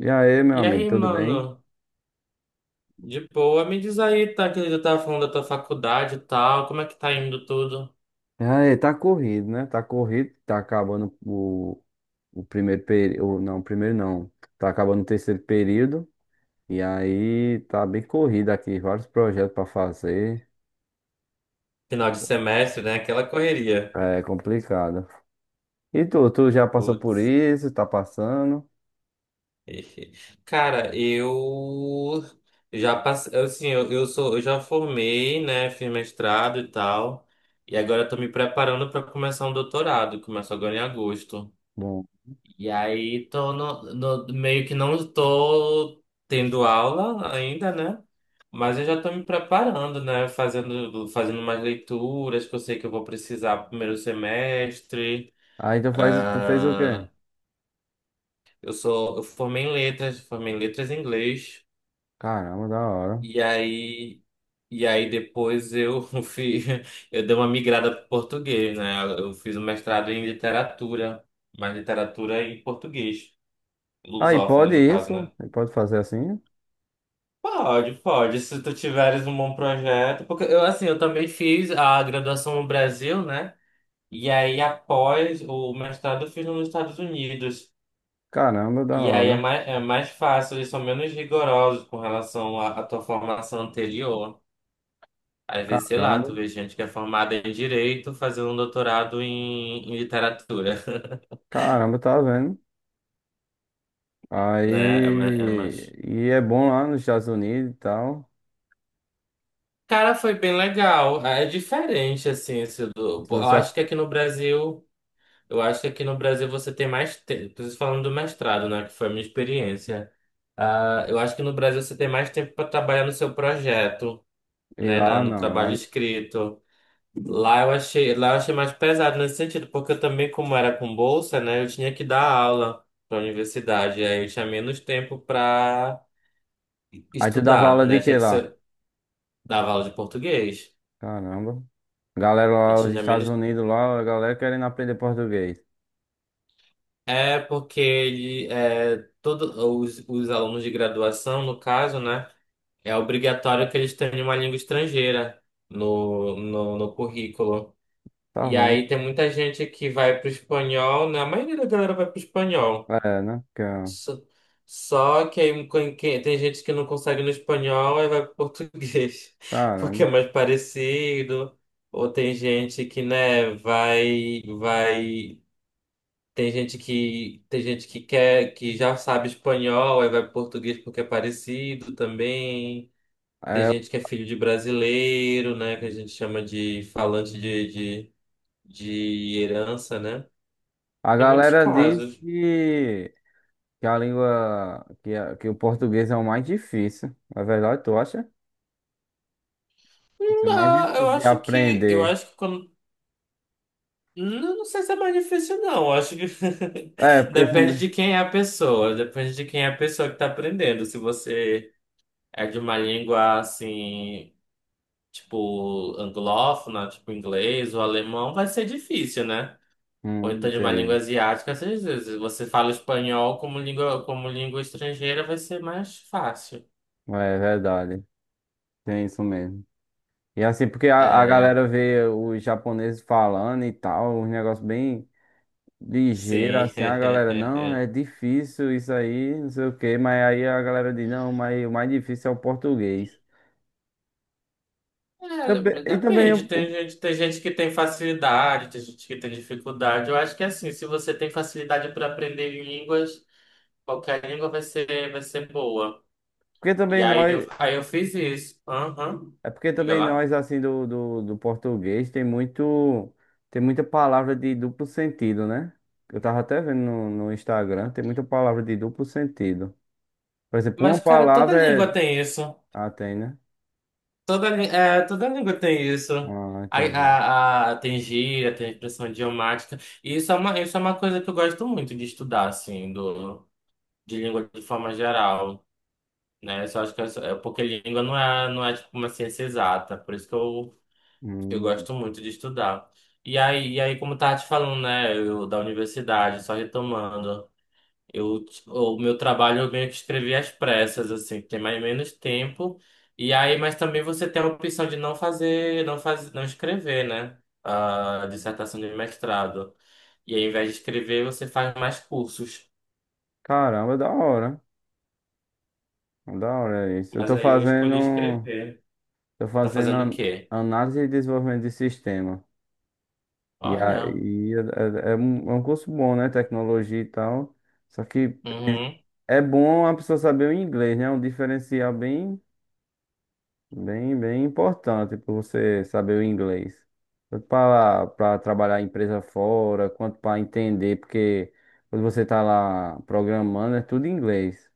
E aí, meu E amigo, aí, tudo bem? mano, de boa, me diz aí, tá, que eu tava falando da tua faculdade e tal, como é que tá indo tudo? E aí, tá corrido, né? Tá corrido, tá acabando o primeiro período. Não, primeiro não. Tá acabando o terceiro período. E aí, tá bem corrido aqui, vários projetos pra fazer. Final de semestre, né? Aquela correria. É complicado. E tu já passou por Putz. isso? Tá passando? Cara, eu já passei, assim, eu sou, eu já formei, né, fiz mestrado e tal, e agora eu tô me preparando pra começar um doutorado, começo agora em agosto. Bom. E aí tô meio que não tô tendo aula ainda, né? Mas eu já tô me preparando, né? Fazendo umas leituras que eu sei que eu vou precisar pro primeiro semestre. Aí tu faz, tu fez o quê? Ah, eu sou, eu formei em letras em inglês. Caramba, da hora. E aí, e aí depois eu fiz, eu dei uma migrada para português, né? Eu fiz um mestrado em literatura, mas literatura em português, Aí lusófona pode no caso, né? isso? Aí pode fazer assim? Pode, pode, se tu tiveres um bom projeto, porque eu assim, eu também fiz a graduação no Brasil, né? E aí após o mestrado eu fiz nos Estados Unidos. Caramba, da E aí hora. É mais fácil, eles são menos rigorosos com relação à tua formação anterior. Às vezes, sei lá, Caramba, tu vê gente que é formada em direito fazendo um doutorado em literatura, caramba, tá vendo? né? É, Aí, é mais... e é bom lá nos Estados Unidos e tal. Cara, foi bem legal. É diferente, assim, esse do... Se você ac- Eu acho que aqui no Brasil você tem mais tempo. Estou falando do mestrado, né? Que foi a minha experiência. Ah, eu acho que no Brasil você tem mais tempo para trabalhar no seu projeto, Ir né? Lá, No não, trabalho lá. escrito. Lá eu achei mais pesado nesse sentido, porque eu também, como era com bolsa, né? Eu tinha que dar aula para a universidade. Aí eu tinha menos tempo para Aí tu dava estudar, aula de né? Tinha que que lá? ser, dava aula de português. Caramba. Galera Eu lá, os tinha Estados menos. Unidos lá, a galera querendo aprender português. É porque ele, é, todo, os alunos de graduação, no caso, né? É obrigatório que eles tenham uma língua estrangeira no currículo. Tá E vendo? aí tem muita gente que vai pro espanhol, né? A maioria da galera vai pro espanhol. É, né? Só, só que aí com tem gente que não consegue no espanhol e vai pro português, porque Caramba. é mais parecido. Ou tem gente que, né, vai. Tem gente que quer, que já sabe espanhol, aí vai pro português porque é parecido também. Tem É, gente que é filho de brasileiro, né? Que a gente chama de falante de herança, né? a Tem muitos galera diz casos. que, a língua, que que o português é o mais difícil. É verdade, tu acha? Isso é o mais Não, difícil eu de acho que. Eu aprender. acho que quando. Não, não sei se é mais difícil, não. Eu acho que É, porque depende também. de quem é a pessoa. Depende de quem é a pessoa que tá aprendendo. Se você é de uma língua assim, tipo, anglófona, tipo inglês ou alemão, vai ser difícil, né? Ou então de uma língua Entendi. asiática, às vezes se você fala espanhol como língua estrangeira, vai ser mais fácil. É verdade. Tem isso mesmo. E assim, porque a É, galera vê os japoneses falando e tal, um negócio bem ligeiro, sim. assim, a galera, não, é difícil isso aí, não sei o quê, mas aí a galera diz, não, mas o mais difícil é o português. Também- É, e também, depende. o- o- Tem gente que tem facilidade, tem gente que tem dificuldade. Eu acho que é assim, se você tem facilidade para aprender línguas, qualquer língua vai ser boa. porque E também nós, aí eu fiz isso. Aham. é porque Diga também lá. nós, assim, do português, tem muito, tem muita palavra de duplo sentido, né? Eu tava até vendo no Instagram, tem muita palavra de duplo sentido. Por exemplo, Mas, uma cara, toda palavra é... língua tem isso. Ah, tem, né? Toda, é, toda língua tem isso. Ah, entendi. Tem gíria, tem expressão idiomática. E isso é uma coisa que eu gosto muito de estudar, assim, do, de língua de forma geral, né? Eu só acho que é, é porque língua não é, não é tipo uma ciência exata, por isso que eu Hum, gosto muito de estudar. E aí, como eu tava te falando, né, eu, da universidade, só retomando. Eu, o meu trabalho eu meio que escrevi às pressas, assim, tem mais ou menos tempo. E aí, mas também você tem a opção de não fazer, não fazer, não escrever, né? A dissertação de mestrado. E aí, ao invés de escrever, você faz mais cursos. Caramba, da hora. Da hora é isso. Eu Mas tô aí eu escolhi fazendo, escrever. tô Tá fazendo fazendo o an- quê? análise e desenvolvimento de sistema. E Olha. aí é, é um curso bom, né? Tecnologia e tal. Só que Uhum, é bom a pessoa saber o inglês, né? É um diferencial bem, bem, bem importante para você saber o inglês. Tanto para trabalhar em empresa fora, quanto para entender, porque quando você tá lá programando, é tudo em inglês.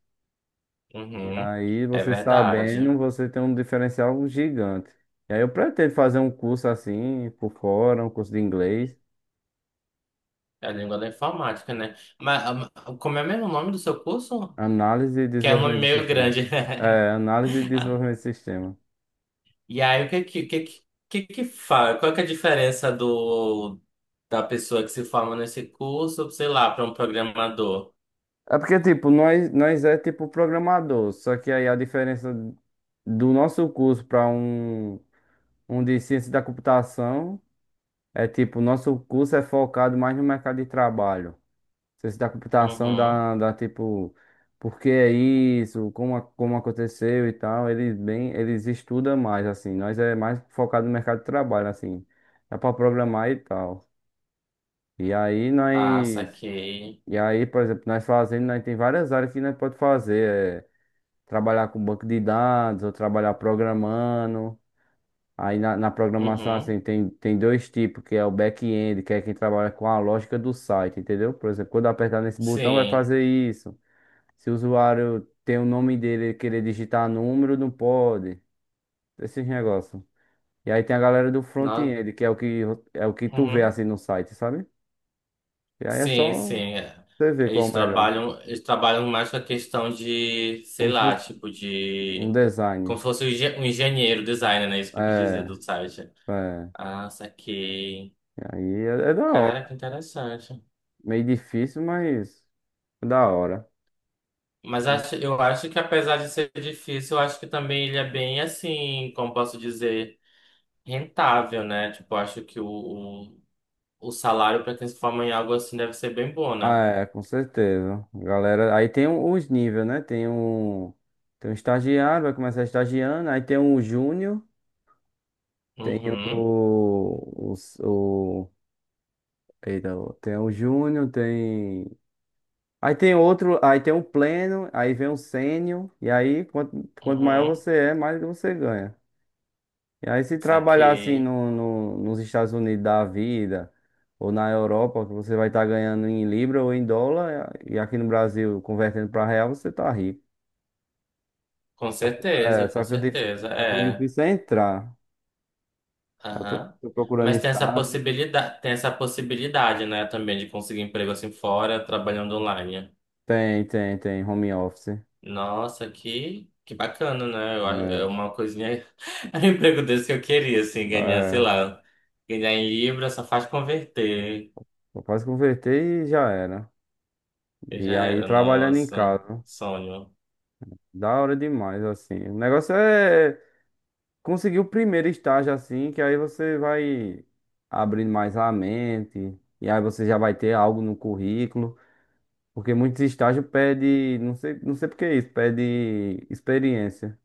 E uhum. aí, É você verdade. sabendo, você tem um diferencial gigante. E aí, eu pretendo fazer um curso assim, por fora, um curso de inglês, É a língua da informática, né? Mas, ah, mas como é mesmo o nome do seu curso? análise e Que é um nome desenvolvimento de meio sistema. grande. É, análise e desenvolvimento de sistema. E aí, o que que, que fala? Qual que é a diferença da pessoa que se forma nesse curso, sei lá, para um programador? É porque, tipo, nós é tipo programador, só que aí a diferença do nosso curso para um de ciência da computação é tipo, nosso curso é focado mais no mercado de trabalho. Ciência da computação Uhum. dá, dá tipo, por que é isso, como, como aconteceu e tal. Eles bem, eles estudam mais, assim. Nós é mais focado no mercado de trabalho, assim. Dá pra programar e tal. E aí Ah, nós. saquei. E aí, por exemplo, nós fazendo, nós tem várias áreas que nós pode fazer. É trabalhar com banco de dados ou trabalhar programando. Aí na programação, Uhum. assim, tem, tem dois tipos, que é o back-end, que é quem trabalha com a lógica do site, entendeu? Por exemplo, quando eu apertar nesse botão, vai Sim. fazer isso. Se o usuário tem o nome dele e querer digitar número, não pode. Esses negócios. E aí tem a galera do No... front-end, que é o que é o que tu vê Uhum. assim no site, sabe? E aí é só Sim. é. você ver qual é o melhor. Eles trabalham mais com a questão de, sei Como se lá, fosse tipo um de. design. Como se fosse um um engenheiro, designer, né? Isso que eu quis dizer É, do site. é. Ah, saquei. E aí é, é da hora. Cara, que interessante. Meio difícil, mas é da hora. Mas acho, eu acho que apesar de ser difícil, eu acho que também ele é bem assim, como posso dizer, rentável, né? Tipo, eu acho que o salário para quem se forma em algo assim deve ser bem bom, Ah, né? é, com certeza. Galera, aí tem os níveis, né? Tem um estagiário, vai começar estagiando, aí tem um júnior. Tem Uhum, o eita, tem o júnior, tem. Aí tem outro, aí tem um pleno, aí vem um sênior, e aí quanto, quanto maior uhum, você é, mais você ganha. E aí se trabalhar assim saquei. no, nos Estados Unidos da vida, ou na Europa, que você vai estar ganhando em libra ou em dólar, e aqui no Brasil, convertendo para real, você tá rico. É, Com só que o, certeza, só que o é. difícil é entrar. Eu tô, Aham. tô procurando Mas estágio. Tem essa possibilidade, né, também de conseguir emprego assim fora, trabalhando online. Tem, tem, tem, home office. Nossa, que bacana, né? Eu é É. uma coisinha. É um emprego desse que eu queria, assim, ganhar, sei É, lá. Ganhar em Libra só faz converter. eu quase convertei e já era. Eu já E aí era, trabalhando em nossa, casa. sonho. Da hora demais, assim. O negócio é conseguir o primeiro estágio, assim, que aí você vai abrindo mais a mente. E aí você já vai ter algo no currículo. Porque muitos estágios pedem, não sei, não sei por que isso, pede experiência.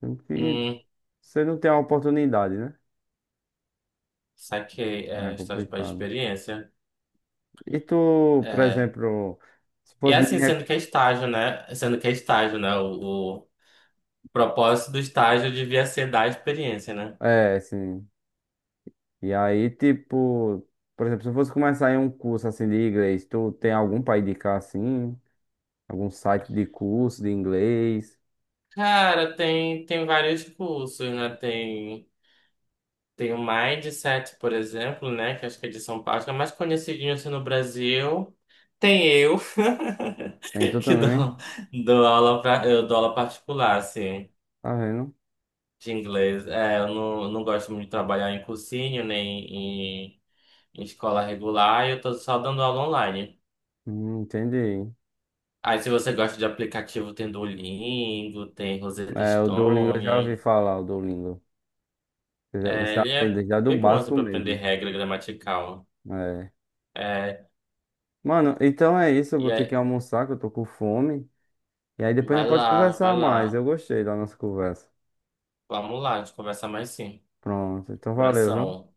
Sendo que Hum, você não tem a oportunidade, né? saquei. É É, estágio para complicado. experiência. E tu, por É. exemplo, se E é fosse me. assim, Rec- sendo que é estágio, né? Sendo que é estágio, né? O propósito do estágio devia ser dar experiência, né? é, assim. E aí, tipo, por exemplo, se eu fosse começar em um curso assim de inglês, tu tem algum pra indicar assim? Algum site de curso de inglês? Cara, tem, tem vários cursos, né? Tem. Tem o Mindset, por exemplo, né? Que acho que é de São Paulo. Acho que é mais conhecidinho assim no Brasil. Tem eu, Tem tu que dou, também? dou aula pra, eu dou aula particular, assim, Tá vendo? de inglês. É, eu não, não gosto muito de trabalhar em cursinho, nem em, em escola regular. Eu tô só dando aula online. Entendi. Aí, se você gosta de aplicativo, tem Duolingo, tem Rosetta É, o Duolingo eu já ouvi Stone. falar, o Duolingo. É, Você ele é aprende já do bem bom, assim, básico pra aprender mesmo. regra gramatical. É. É, Mano, então é isso. Eu e vou ter aí, que almoçar, que eu tô com fome. E aí depois a vai gente pode lá, vai conversar mais. lá. Eu gostei da nossa conversa. Vamos lá, a gente conversa mais sim. Pronto. Então valeu, viu? Abração.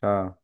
Tchau.